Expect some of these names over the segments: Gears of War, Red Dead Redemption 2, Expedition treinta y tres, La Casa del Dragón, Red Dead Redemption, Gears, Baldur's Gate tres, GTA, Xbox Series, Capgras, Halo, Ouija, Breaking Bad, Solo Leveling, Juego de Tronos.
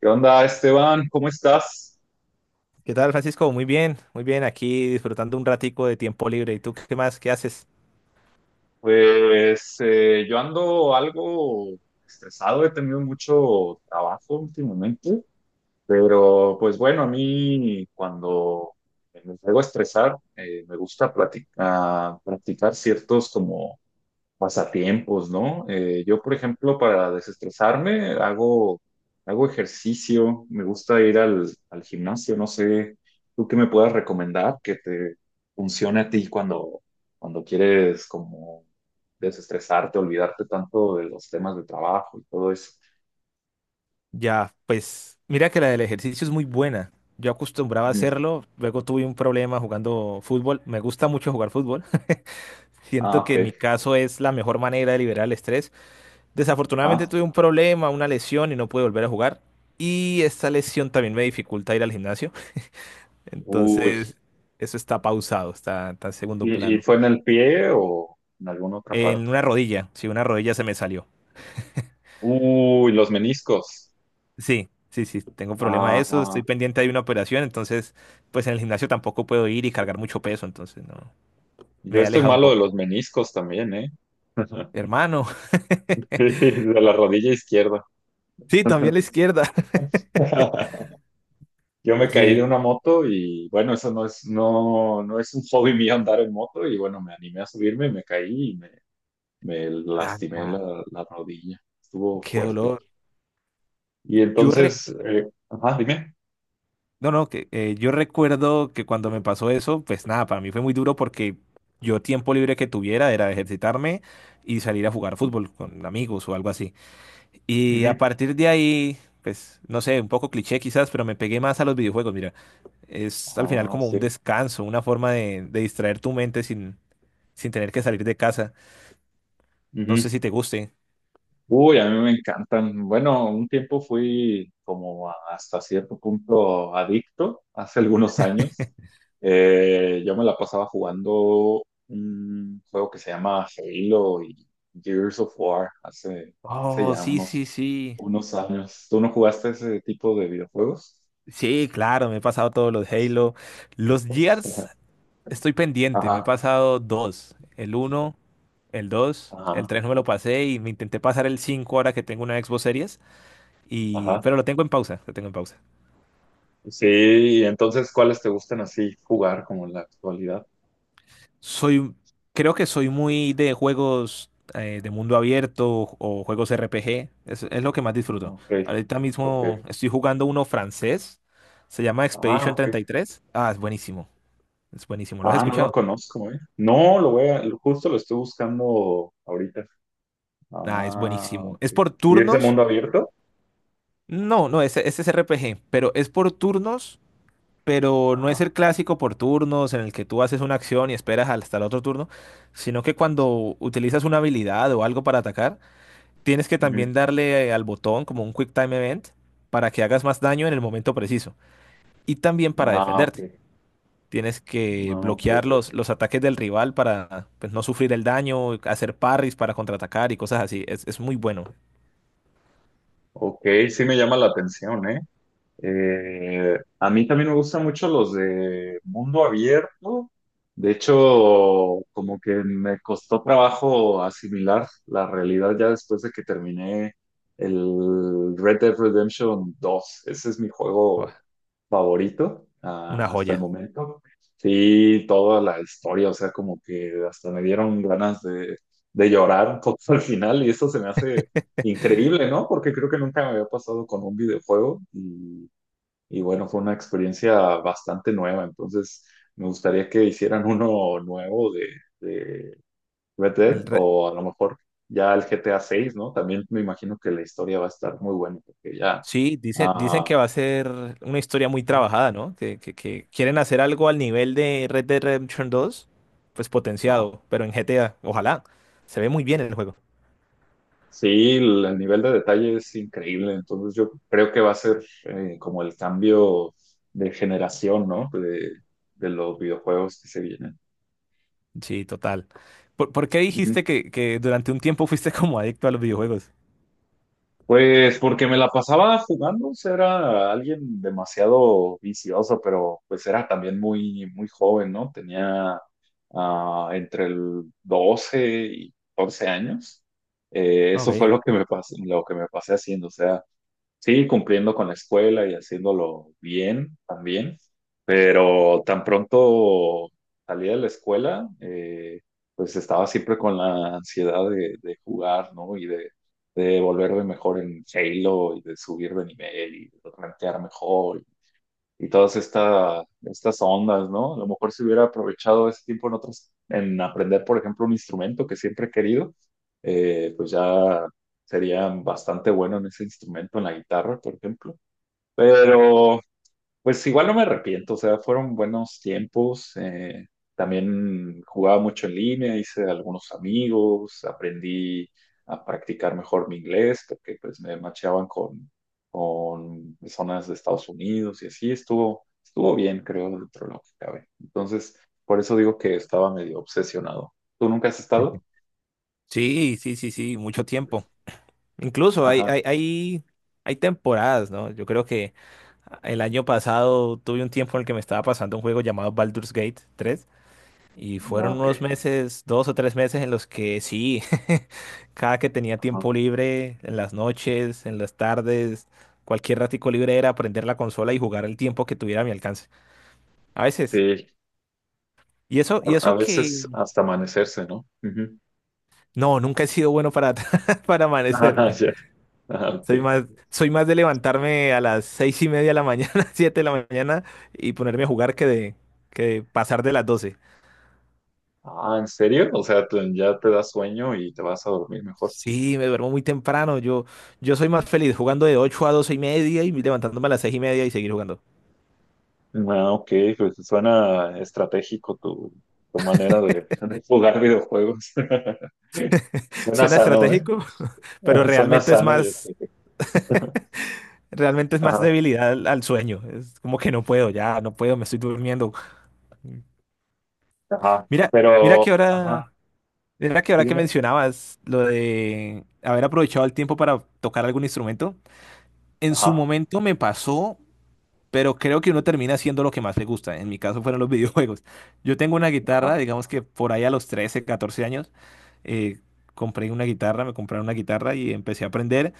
¿Qué onda, Esteban? ¿Cómo estás? ¿Qué tal, Francisco? Muy bien, aquí disfrutando un ratico de tiempo libre. ¿Y tú qué más? ¿Qué haces? Yo ando algo estresado, he tenido mucho trabajo últimamente, pero pues bueno, a mí cuando me llego a estresar, me gusta platicar, practicar ciertos como pasatiempos, ¿no? Yo, por ejemplo, para desestresarme, hago ejercicio, me gusta ir al gimnasio, no sé, tú qué me puedas recomendar que te funcione a ti cuando quieres como desestresarte, olvidarte tanto de los temas de trabajo y todo eso. Ya, pues mira que la del ejercicio es muy buena. Yo acostumbraba a Ujú. hacerlo, luego tuve un problema jugando fútbol. Me gusta mucho jugar fútbol. Ah, Siento que ok. en mi caso es la mejor manera de liberar el estrés. Desafortunadamente Ah, tuve un problema, una lesión y no pude volver a jugar. Y esta lesión también me dificulta ir al gimnasio. uy. Entonces, eso está pausado, está en segundo Y plano. fue en el pie o en alguna otra En parte? una rodilla, sí, una rodilla se me salió. Uy, los meniscos. Sí, sí, sí, tengo problema de Ah, eso, estoy ah. pendiente de una operación, entonces, pues en el gimnasio tampoco puedo ir y cargar mucho peso, entonces no, Yo me he estoy alejado un malo de poco. los meniscos también, ¿eh? Hermano, De la rodilla izquierda. sí, también la izquierda. Yo me caí de Sí. una moto y bueno, eso no, no es un hobby mío andar en moto y bueno, me animé a subirme, me caí y me Ah, lastimé ah, la rodilla. Estuvo qué fuerte. dolor. Y Yo re- entonces, ajá, dime. no, no, que yo recuerdo que cuando me pasó eso, pues nada, para mí fue muy duro porque yo tiempo libre que tuviera era ejercitarme y salir a jugar fútbol con amigos o algo así. Y a Ujú. partir de ahí, pues, no sé, un poco cliché quizás, pero me pegué más a los videojuegos. Mira, es al final Ah, como un sí. descanso, una forma de distraer tu mente sin tener que salir de casa. No sé si Ujú. te guste. Uy, a mí me encantan. Bueno, un tiempo fui como hasta cierto punto adicto, hace algunos años. Yo me la pasaba jugando un juego que se llama Halo y Gears of War hace Oh, ya sí, sí, sí. unos años. ¿Tú no jugaste ese tipo de videojuegos? Sí, claro, me he pasado todos los Halo. Los Gears, estoy pendiente, me he Ajá, pasado dos. El uno, el dos, el ajá, tres no me lo pasé y me intenté pasar el cinco ahora que tengo una Xbox Series. Ajá. Pero lo tengo en pausa, lo tengo en pausa. Sí, y entonces, ¿cuáles te gustan así jugar como en la actualidad? Soy, Creo que soy muy de juegos de mundo abierto o juegos RPG. Es lo que más disfruto. Ok, Ahorita mismo ok. estoy jugando uno francés. Se llama Ah, Expedition ok. 33. Ah, es buenísimo. Es buenísimo. ¿Lo has Ah, no lo escuchado? conozco, ¿eh? No, lo voy a, lo- justo lo estoy buscando ahorita. Ah, es Ah, buenísimo. ¿Es ok. por ¿Y es de turnos? mundo abierto? No, no, ese es RPG, pero es por turnos, pero no es el Ah, clásico por turnos en el que tú haces una acción y esperas hasta el otro turno, sino que cuando utilizas una habilidad o algo para atacar, tienes que ujú. también darle al botón como un Quick Time Event para que hagas más daño en el momento preciso y también para Ah, defenderte. ok. Tienes que No, no, ok, bloquear ok, los, ok. los ataques del rival para pues, no sufrir el daño, hacer parries para contraatacar y cosas así. Es muy bueno. Ok, sí me llama la atención, ¿eh? A mí también me gustan mucho los de mundo abierto. De hecho, como que me costó trabajo asimilar la realidad ya después de que terminé el Red Dead Redemption dos. Ese es mi juego Buah, favorito una hasta el joya. momento. Sí, toda la historia, o sea, como que hasta me dieron ganas de llorar un poco al final y eso se me hace increíble, ¿no? Porque creo que nunca me había pasado con un videojuego y bueno, fue una experiencia bastante nueva, entonces me gustaría que hicieran uno nuevo de Red Dead El re- o a lo mejor ya el GTA seis ¿no? También me imagino que la historia va a estar muy buena porque ya... Sí, dicen que ah, va a ser una historia muy trabajada, ¿no? Que quieren hacer algo al nivel de Red Dead Redemption 2, pues ah, potenciado, pero en GTA, ojalá. Se ve muy bien el juego. Sí, el nivel de detalle es increíble, entonces yo creo que va a ser como el cambio de generación, ¿no? De los videojuegos que se vienen. Sí, total. ¿Por qué Ujú. dijiste que durante un tiempo fuiste como adicto a los videojuegos? Pues porque me la pasaba jugando, o sea, era alguien demasiado vicioso, pero pues era también muy joven, ¿no? Tenía entre el 12 y 14 años. Eso fue Ok. lo que me pasé, lo que me pasé haciendo, o sea. Sí, cumpliendo con la escuela y haciéndolo bien también, pero tan pronto salí de la escuela, pues estaba siempre con la ansiedad de jugar, ¿no? Y de volverme mejor en Halo y de subir de nivel y de rankear mejor y estas ondas, ¿no? A lo mejor si hubiera aprovechado ese tiempo en en aprender, por ejemplo, un instrumento que siempre he querido, pues ya sería bastante bueno en ese instrumento, en la guitarra, por ejemplo. Pero pues igual no me arrepiento, o sea, fueron buenos tiempos. También jugaba mucho en línea, hice algunos amigos, aprendí a practicar mejor mi inglés, porque pues me macheaban con personas de Estados Unidos y así estuvo, estuvo bien, creo, dentro de lo que cabe. Entonces, por eso digo que estaba medio obsesionado. ¿Tú nunca has estado? Sí, sí, sí, sí, mucho tiempo. Incluso hay, Ajá, hay, hay, hay temporadas, ¿no? Yo creo que el año pasado tuve un tiempo en el que me estaba pasando un juego llamado Baldur's Gate 3 y ah, fueron ok, unos meses, 2 o 3 meses en los que sí, cada que tenía ajá. tiempo libre, en las noches, en las tardes, cualquier ratico libre era prender la consola y jugar el tiempo que tuviera a mi alcance. A veces. Sí, Y a eso que veces hasta amanecerse, ¿no? Ujú. no, nunca he sido bueno para, para Ajá, amanecerme. ya. Ah, ok. Soy más de levantarme a las 6:30 de la mañana, 7 de la mañana y ponerme a jugar que de pasar de las 12. Ah, ¿en serio? O sea, ya te da sueño y te vas a dormir mejor. Sí, me duermo muy temprano. Yo soy más feliz jugando de 8 a 12:30 y levantándome a las 6:30 y seguir jugando. Ah, ok, pues suena estratégico tu manera de jugar videojuegos. Suena Suena sano, ¿eh? estratégico, pero Suena realmente es sano y más, estratégico. realmente es más Ajá, debilidad al sueño. Es como que no puedo, ya no puedo, me estoy durmiendo. ajá. Mira, mira Pero, que ajá, ahora. Mira que ¿sí ahora que dime? mencionabas lo de haber aprovechado el tiempo para tocar algún instrumento, en su Ajá, momento me pasó, pero creo que uno termina haciendo lo que más le gusta. En mi caso fueron los videojuegos. Yo tengo una guitarra, ajá. digamos que por ahí a los 13 14 años, eh, compré una guitarra, me compraron una guitarra y empecé a aprender,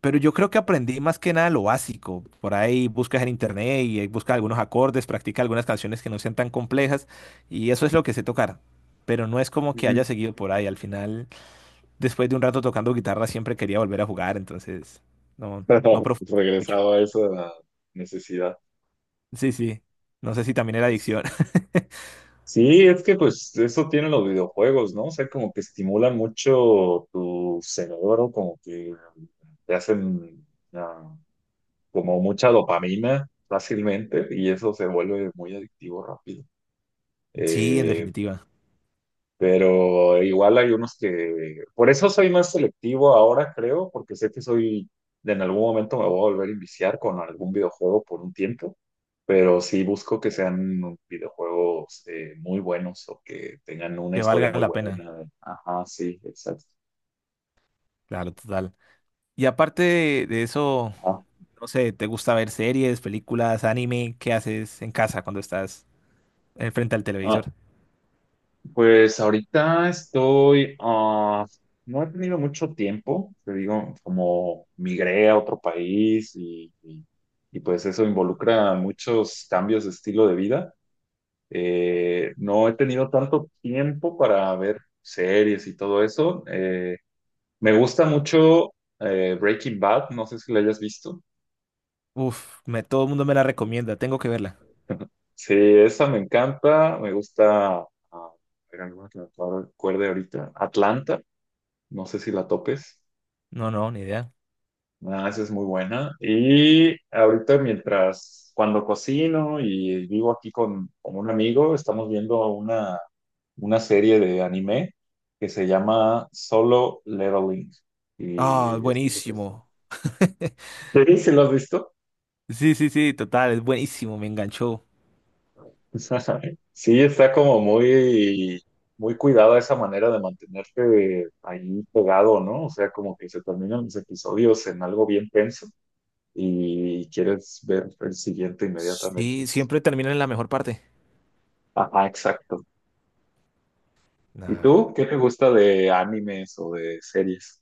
pero yo creo que aprendí más que nada lo básico. Por ahí buscas en internet y buscas algunos acordes, practica algunas canciones que no sean tan complejas y eso es lo que sé tocar. Pero no es como que Ujú. haya seguido por ahí. Al final después de un rato tocando guitarra siempre quería volver a jugar, entonces no Pero profundicé mucho. regresaba a esa necesidad. Sí, sí. No sé si también era adicción. Sí, es que pues eso tienen los videojuegos, ¿no? O sea, como que estimulan mucho tu cerebro, como que te hacen ah, como mucha dopamina fácilmente y eso se vuelve muy adictivo rápido. Sí, en Eh, definitiva. pero igual hay unos que, por eso soy más selectivo ahora, creo, porque sé que soy, en algún momento me voy a volver a iniciar con algún videojuego por un tiempo, pero sí busco que sean videojuegos muy buenos o que tengan una Que historia valga muy la pena. buena. Ajá, sí, exacto. Claro, total. Y aparte de eso, no sé, ¿te gusta ver series, películas, anime? ¿Qué haces en casa cuando estás frente al Ajá. televisor? Pues ahorita estoy, no he tenido mucho tiempo, te digo, como migré a otro país y, pues eso involucra muchos cambios de estilo de vida. No he tenido tanto tiempo para ver series y todo eso. Me gusta mucho Breaking Bad, no sé si la hayas visto. Uf, todo el mundo me la recomienda. Tengo que verla. Sí, esa me encanta, me gusta, ah, espera, no me acuerdo ahorita, Atlanta, no sé si la topes. No, no, ni idea. Ah, esa es muy buena. Y ahorita mientras, cuando cocino y vivo aquí con un amigo, estamos viendo una serie de anime que se llama Solo Leveling. Ah, Y es lo que está. buenísimo. Sí, ¿sí lo has visto? Sí, sí, sí, total, es buenísimo, me enganchó. Sí, está como muy, muy cuidada esa manera de mantenerte ahí pegado, ¿no? O sea, como que se terminan los episodios en algo bien tenso y quieres ver el siguiente inmediatamente. Sí, siempre termina en la mejor parte. Ajá, exacto. ¿Y Nah. tú? ¿Qué te gusta de animes o de series?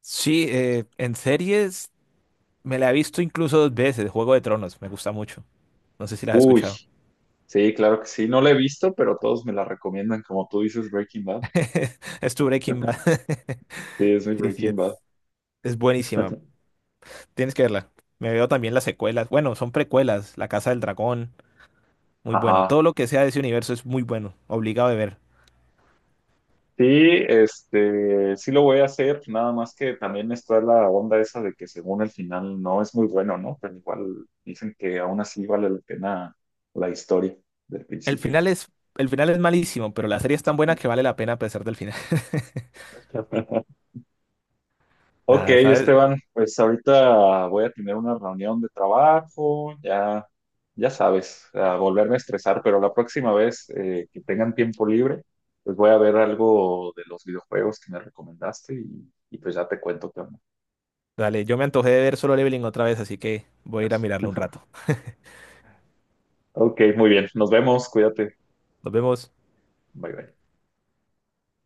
Sí, en series me la he visto incluso dos veces, Juego de Tronos, me gusta mucho. No sé si la has Uy, escuchado. sí, claro que sí. No la he visto, pero todos me la recomiendan. Como tú dices, Breaking Bad. Es tu Breaking Bad. Sí, es mi Sí, sí, Breaking Bad. es buenísima. Tienes que verla. Me veo también las secuelas. Bueno, son precuelas. La Casa del Dragón, muy bueno. Ajá. Todo lo que sea de ese universo es muy bueno. Obligado de ver. Sí, este, sí lo voy a hacer, nada más que también está la onda esa de que según el final no es muy bueno, ¿no? Pero igual dicen que aún así vale la pena la historia del El principio. final es, el final es malísimo, pero la serie es tan buena que vale la pena a pesar del final. Ok, Nada, ¿sabes? Esteban, pues ahorita voy a tener una reunión de trabajo, ya, ya sabes, a volverme a estresar, pero la próxima vez que tengan tiempo libre, pues voy a ver algo de los videojuegos que me recomendaste y pues ya te cuento qué onda. Dale, yo me antojé de ver Solo Leveling otra vez, así que voy a ir a Gracias. mirarlo un rato. Ok, muy bien, nos vemos, cuídate, Nos vemos. bye bye.